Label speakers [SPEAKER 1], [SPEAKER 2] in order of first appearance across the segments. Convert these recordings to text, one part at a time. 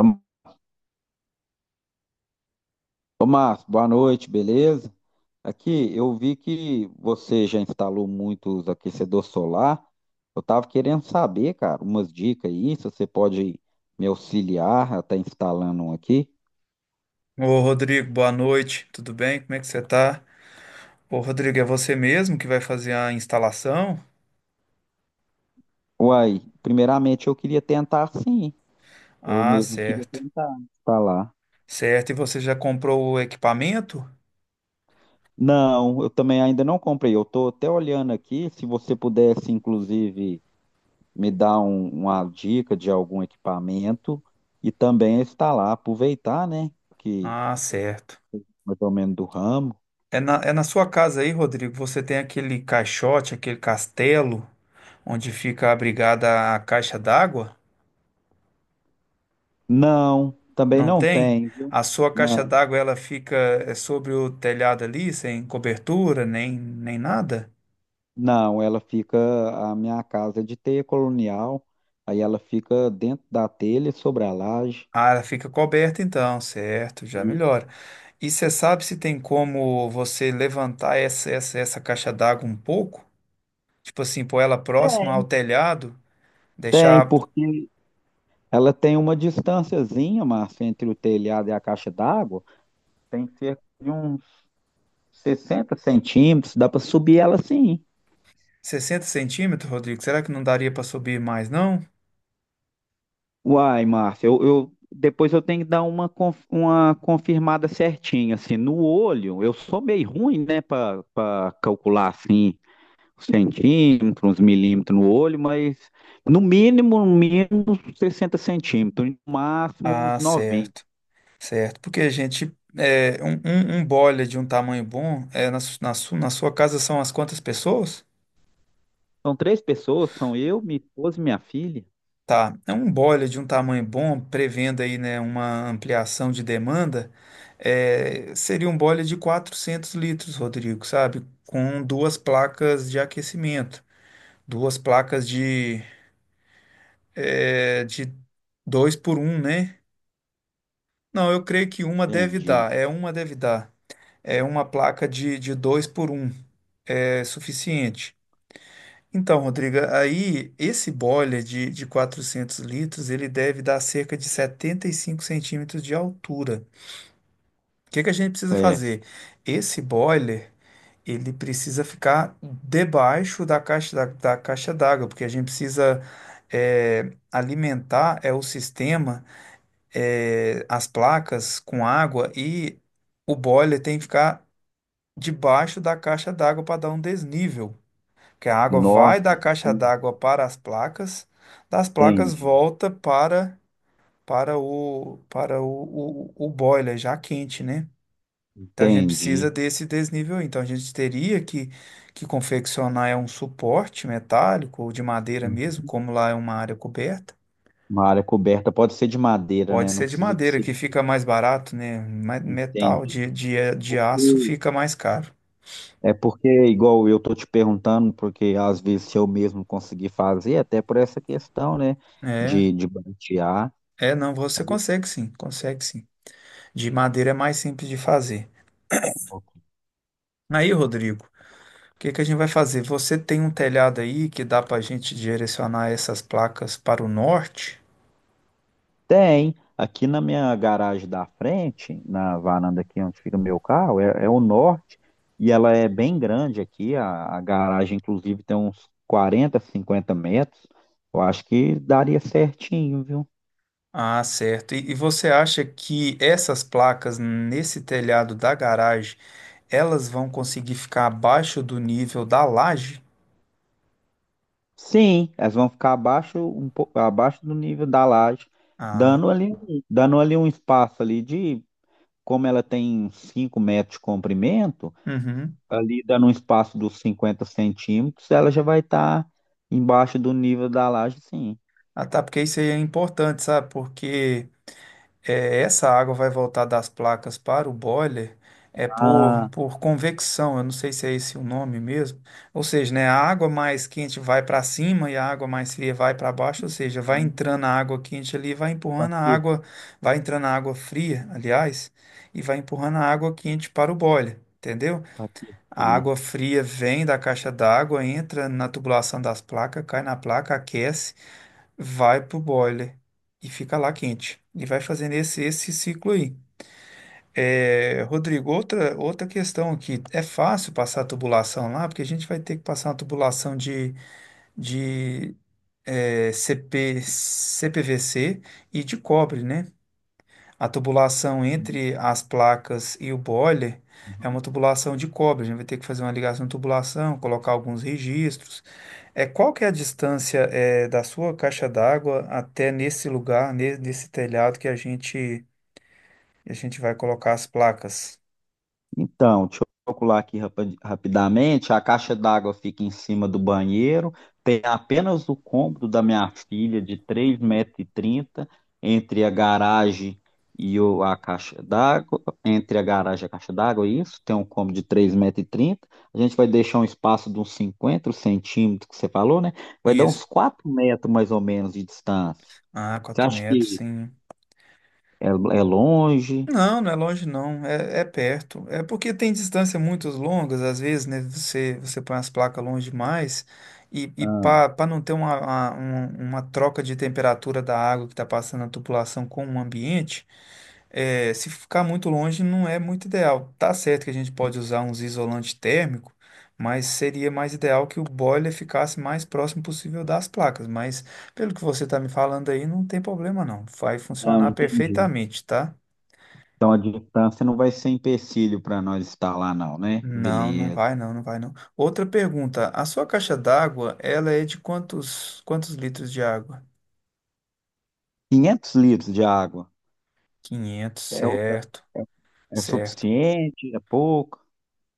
[SPEAKER 1] Ô, Márcio, boa noite, beleza? Aqui, eu vi que você já instalou muitos aquecedor solar. Eu estava querendo saber, cara, umas dicas aí, se você pode me auxiliar a estar instalando um aqui.
[SPEAKER 2] Ô Rodrigo, boa noite, tudo bem? Como é que você tá? Ô Rodrigo, é você mesmo que vai fazer a instalação?
[SPEAKER 1] Uai, primeiramente eu queria tentar sim. Eu
[SPEAKER 2] Ah,
[SPEAKER 1] mesmo queria
[SPEAKER 2] certo.
[SPEAKER 1] tentar instalar.
[SPEAKER 2] Certo, e você já comprou o equipamento?
[SPEAKER 1] Não, eu também ainda não comprei. Eu estou até olhando aqui, se você pudesse, inclusive. Me dá uma dica de algum equipamento e também está lá, aproveitar, né? Que
[SPEAKER 2] Ah, certo.
[SPEAKER 1] mais ou menos do ramo.
[SPEAKER 2] É na sua casa aí, Rodrigo, você tem aquele caixote, aquele castelo onde fica abrigada a caixa d'água?
[SPEAKER 1] Não, também
[SPEAKER 2] Não
[SPEAKER 1] não
[SPEAKER 2] tem?
[SPEAKER 1] tem, viu?
[SPEAKER 2] A sua caixa
[SPEAKER 1] Não,
[SPEAKER 2] d'água ela fica é sobre o telhado ali, sem cobertura, nem nada?
[SPEAKER 1] não, ela fica, a minha casa é de teia colonial, aí ela fica dentro da telha, sobre a laje.
[SPEAKER 2] Ah, ela fica coberta então, certo, já
[SPEAKER 1] E-
[SPEAKER 2] melhora. E você sabe se tem como você levantar essa caixa d'água um pouco? Tipo assim, pôr ela próxima ao telhado,
[SPEAKER 1] Tem,
[SPEAKER 2] deixar
[SPEAKER 1] porque ela tem uma distânciazinha, Márcia, entre o telhado e a caixa d'água, tem cerca de uns 60 centímetros, dá para subir ela sim.
[SPEAKER 2] sessenta centímetros, Rodrigo? Será que não daria para subir mais, não?
[SPEAKER 1] Uai, Márcia, depois eu tenho que dar uma confirmada certinha, assim, no olho, eu sou meio ruim, né, para calcular, assim, os centímetros, os milímetros no olho, mas no mínimo, no mínimo, uns 60 centímetros, no máximo
[SPEAKER 2] Ah,
[SPEAKER 1] uns 90.
[SPEAKER 2] certo, certo. Porque a gente, é, um boiler de um tamanho bom, é, na sua casa são as quantas pessoas?
[SPEAKER 1] São três pessoas, são eu, minha esposa e minha filha.
[SPEAKER 2] Tá, é um boiler de um tamanho bom, prevendo aí, né, uma ampliação de demanda, é, seria um boiler de 400 litros, Rodrigo, sabe? Com duas placas de aquecimento, duas placas de, é, de 2 por um né? Não, eu creio que uma deve
[SPEAKER 1] Entendi.
[SPEAKER 2] dar, é uma deve dar. É uma placa de 2 por um é suficiente. Então, Rodriga, aí esse boiler de 400 litros, ele deve dar cerca de 75 centímetros de altura. O que que a gente precisa
[SPEAKER 1] É,
[SPEAKER 2] fazer? Esse boiler, ele precisa ficar debaixo da caixa da caixa d'água, porque a gente precisa alimentar é o sistema, as placas com água e o boiler tem que ficar debaixo da caixa d'água para dar um desnível que a água vai
[SPEAKER 1] nossa,
[SPEAKER 2] da caixa d'água para as placas, das placas
[SPEAKER 1] entendi,
[SPEAKER 2] volta para o boiler já quente, né? Então a gente
[SPEAKER 1] entendi.
[SPEAKER 2] precisa desse desnível aí. Então a gente teria que confeccionar é um suporte metálico ou de madeira mesmo, como lá é uma área coberta.
[SPEAKER 1] Uma área coberta pode ser de madeira,
[SPEAKER 2] Pode
[SPEAKER 1] né, não
[SPEAKER 2] ser de
[SPEAKER 1] precisa de
[SPEAKER 2] madeira,
[SPEAKER 1] ser
[SPEAKER 2] que
[SPEAKER 1] de...
[SPEAKER 2] fica mais barato, né? Mas metal
[SPEAKER 1] Entendi.
[SPEAKER 2] de aço
[SPEAKER 1] Porque-
[SPEAKER 2] fica mais caro.
[SPEAKER 1] É porque, igual eu tô te perguntando, porque às vezes se eu mesmo conseguir fazer, até por essa questão, né,
[SPEAKER 2] É,
[SPEAKER 1] de bantear.
[SPEAKER 2] não, você consegue sim, consegue sim. De madeira é mais simples de fazer. Aí, Rodrigo, o que que a gente vai fazer? Você tem um telhado aí que dá para a gente direcionar essas placas para o norte?
[SPEAKER 1] Tem, aqui na minha garagem da frente, na varanda aqui onde fica meu carro, é o norte, e ela é bem grande aqui, a garagem inclusive tem uns 40 50 metros, eu acho que daria certinho, viu?
[SPEAKER 2] Ah, certo. E você acha que essas placas nesse telhado da garagem, elas vão conseguir ficar abaixo do nível da laje?
[SPEAKER 1] Sim, elas vão ficar abaixo, um pouco abaixo do nível da laje,
[SPEAKER 2] Ah,
[SPEAKER 1] dando ali um espaço ali de, como ela tem 5 metros de comprimento,
[SPEAKER 2] uhum.
[SPEAKER 1] ali dando um espaço dos 50 centímetros, ela já vai estar embaixo do nível da laje, sim.
[SPEAKER 2] Ah, tá, porque isso aí é importante, sabe? Porque é, essa água vai voltar das placas para o boiler é por,
[SPEAKER 1] Ah,
[SPEAKER 2] por convecção, eu não sei se é esse o nome mesmo. Ou seja, né, a água mais quente vai para cima e a água mais fria vai para baixo, ou seja, vai entrando a água quente ali, vai
[SPEAKER 1] para
[SPEAKER 2] empurrando a água, vai entrando a água fria, aliás, e vai empurrando a água quente para o boiler. Entendeu? A
[SPEAKER 1] aquecer.
[SPEAKER 2] água fria vem da caixa d'água, entra na tubulação das placas, cai na placa, aquece, vai pro boiler e fica lá quente. E vai fazendo esse ciclo aí. É, Rodrigo, outra questão aqui. É fácil passar a tubulação lá, porque a gente vai ter que passar uma tubulação de CP, CPVC e de cobre, né? A tubulação entre as placas e o boiler é uma tubulação de cobre. A gente vai ter que fazer uma ligação de tubulação, colocar alguns registros. É, qual que é a distância é, da sua caixa d'água até nesse lugar, nesse telhado que a gente vai colocar as placas?
[SPEAKER 1] Então, deixa eu calcular aqui rapidamente. A caixa d'água fica em cima do banheiro. Tem apenas o cômodo da minha filha, de 3 metros e 30 entre a garagem a caixa d'água. Entre a garagem e a caixa d'água, é isso. Tem um cômodo de 3 metros e trinta. A gente vai deixar um espaço de uns 50 centímetros, que você falou, né? Vai dar
[SPEAKER 2] Isso.
[SPEAKER 1] uns 4 metros, mais ou menos, de distância.
[SPEAKER 2] Ah,
[SPEAKER 1] Você
[SPEAKER 2] 4
[SPEAKER 1] acha
[SPEAKER 2] metros,
[SPEAKER 1] que
[SPEAKER 2] sim.
[SPEAKER 1] é longe?
[SPEAKER 2] Não, não é longe não, é, é perto. É porque tem distâncias muito longas, às vezes, né? Você põe as placas longe demais e
[SPEAKER 1] Ah,
[SPEAKER 2] para não ter uma troca de temperatura da água que está passando na tubulação com o ambiente, é, se ficar muito longe não é muito ideal. Tá certo que a gente pode usar uns isolante térmico, mas seria mais ideal que o boiler ficasse mais próximo possível das placas. Mas pelo que você está me falando aí, não tem problema não, vai
[SPEAKER 1] não,
[SPEAKER 2] funcionar
[SPEAKER 1] entendi.
[SPEAKER 2] perfeitamente, tá?
[SPEAKER 1] Então a distância não vai ser empecilho para nós estar lá, não, né?
[SPEAKER 2] Não, não
[SPEAKER 1] Beleza.
[SPEAKER 2] vai não, não vai não. Outra pergunta, a sua caixa d'água, ela é de quantos litros de água?
[SPEAKER 1] 500 litros de água,
[SPEAKER 2] 500,
[SPEAKER 1] é, o- é
[SPEAKER 2] certo,
[SPEAKER 1] é
[SPEAKER 2] certo.
[SPEAKER 1] suficiente? É pouco?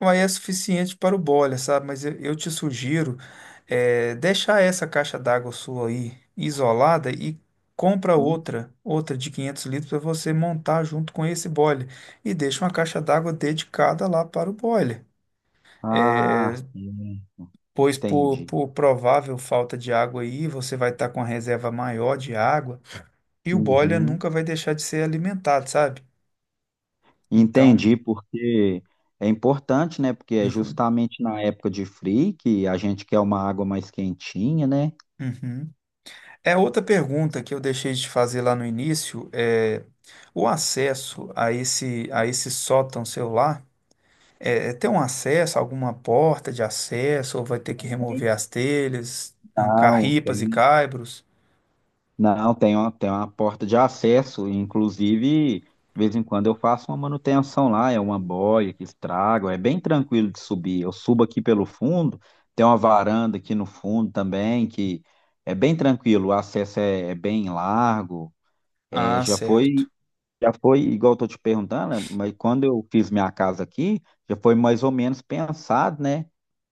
[SPEAKER 2] Aí é suficiente para o boiler, sabe? Mas eu te sugiro deixar essa caixa d'água sua aí isolada e compra
[SPEAKER 1] Hum?
[SPEAKER 2] outra, outra de 500 litros para você montar junto com esse boiler e deixa uma caixa d'água dedicada lá para o boiler.
[SPEAKER 1] Ah,
[SPEAKER 2] Eh,
[SPEAKER 1] sim.
[SPEAKER 2] pois por,
[SPEAKER 1] Entendi.
[SPEAKER 2] por provável falta de água aí, você vai estar com a reserva maior de água e o boiler
[SPEAKER 1] Uhum.
[SPEAKER 2] nunca vai deixar de ser alimentado, sabe? Então,
[SPEAKER 1] Entendi, porque é importante, né? Porque é
[SPEAKER 2] uhum,
[SPEAKER 1] justamente na época de frio que a gente quer uma água mais quentinha, né?
[SPEAKER 2] uhum. É outra pergunta que eu deixei de fazer lá no início, é o acesso a esse sótão celular, é, é ter um acesso, alguma porta de acesso ou vai ter que remover as telhas, arrancar
[SPEAKER 1] Legal,
[SPEAKER 2] ripas e
[SPEAKER 1] tem
[SPEAKER 2] caibros?
[SPEAKER 1] não, tem uma porta de acesso, inclusive, de vez em quando eu faço uma manutenção lá, é uma boia que estraga, é bem tranquilo de subir. Eu subo aqui pelo fundo, tem uma varanda aqui no fundo também, que é bem tranquilo, o acesso é bem largo. É,
[SPEAKER 2] Ah, certo.
[SPEAKER 1] já foi, igual eu tô te perguntando, né, mas quando eu fiz minha casa aqui, já foi mais ou menos pensado, né?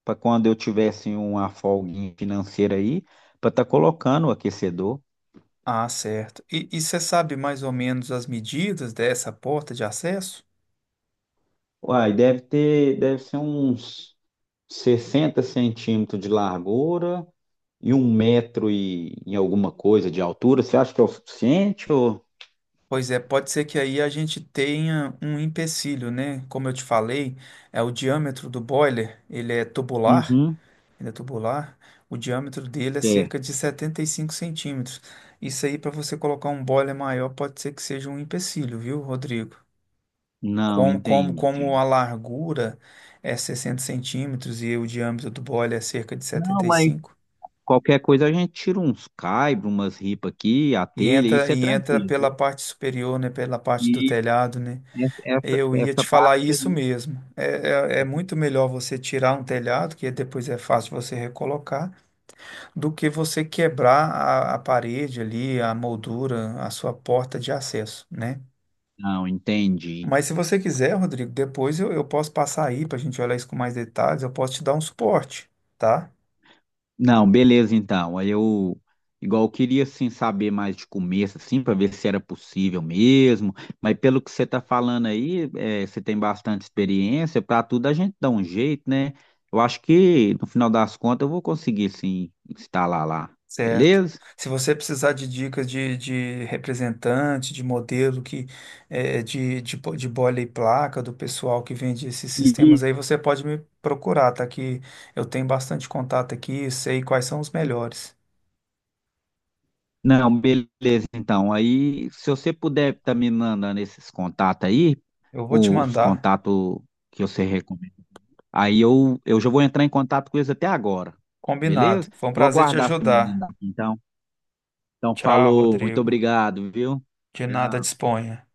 [SPEAKER 1] Para quando eu tivesse uma folguinha financeira aí, para estar colocando o aquecedor.
[SPEAKER 2] Ah, certo. E você sabe mais ou menos as medidas dessa porta de acesso?
[SPEAKER 1] Uai, deve ter, deve ser uns 60 centímetros de largura e 1 metro e alguma coisa de altura. Você acha que é o suficiente ou...
[SPEAKER 2] Pois é, pode ser que aí a gente tenha um empecilho, né? Como eu te falei, é o diâmetro do boiler, ele é tubular,
[SPEAKER 1] Uhum,
[SPEAKER 2] ele é tubular. O diâmetro dele é
[SPEAKER 1] é.
[SPEAKER 2] cerca de 75 centímetros. Isso aí, para você colocar um boiler maior, pode ser que seja um empecilho, viu, Rodrigo?
[SPEAKER 1] Não,
[SPEAKER 2] Como, como,
[SPEAKER 1] entendi.
[SPEAKER 2] como a largura é 60 centímetros e o diâmetro do boiler é cerca de
[SPEAKER 1] Não, mas
[SPEAKER 2] 75.
[SPEAKER 1] qualquer coisa a gente tira uns caibros, umas ripas aqui, a
[SPEAKER 2] E
[SPEAKER 1] telha,
[SPEAKER 2] entra,
[SPEAKER 1] isso é
[SPEAKER 2] e entra
[SPEAKER 1] tranquilo,
[SPEAKER 2] pela
[SPEAKER 1] viu?
[SPEAKER 2] parte superior, né? Pela parte do
[SPEAKER 1] E
[SPEAKER 2] telhado, né?
[SPEAKER 1] essa, essa
[SPEAKER 2] Eu ia
[SPEAKER 1] essa
[SPEAKER 2] te falar
[SPEAKER 1] parte
[SPEAKER 2] isso
[SPEAKER 1] aí.
[SPEAKER 2] mesmo. É muito melhor você tirar um telhado, que depois é fácil você recolocar, do que você quebrar a parede ali, a moldura, a sua porta de acesso, né?
[SPEAKER 1] Não, entendi.
[SPEAKER 2] Mas se você quiser, Rodrigo, depois eu posso passar aí para a gente olhar isso com mais detalhes, eu posso te dar um suporte, tá?
[SPEAKER 1] Não, beleza então. Aí eu, igual eu queria assim saber mais de começo assim para ver se era possível mesmo, mas pelo que você está falando aí, é, você tem bastante experiência, para tudo a gente dá um jeito, né? Eu acho que no final das contas eu vou conseguir sim instalar lá.
[SPEAKER 2] Certo.
[SPEAKER 1] Beleza?
[SPEAKER 2] Se você precisar de dicas de representante, de modelo que de bola e placa do pessoal que vende esses sistemas
[SPEAKER 1] E-
[SPEAKER 2] aí, você pode me procurar, tá? Que eu tenho bastante contato aqui, sei quais são os melhores.
[SPEAKER 1] Não, beleza então. Aí se você puder estar me mandando esses contatos aí,
[SPEAKER 2] Eu vou te
[SPEAKER 1] os
[SPEAKER 2] mandar.
[SPEAKER 1] contatos que você recomenda. Aí eu já vou entrar em contato com eles até agora, beleza?
[SPEAKER 2] Combinado. Foi um
[SPEAKER 1] Vou
[SPEAKER 2] prazer te
[SPEAKER 1] aguardar você me mandar,
[SPEAKER 2] ajudar.
[SPEAKER 1] aqui, então. Então,
[SPEAKER 2] Tchau,
[SPEAKER 1] falou, muito
[SPEAKER 2] Rodrigo.
[SPEAKER 1] obrigado, viu?
[SPEAKER 2] De nada,
[SPEAKER 1] Tchau.
[SPEAKER 2] disponha.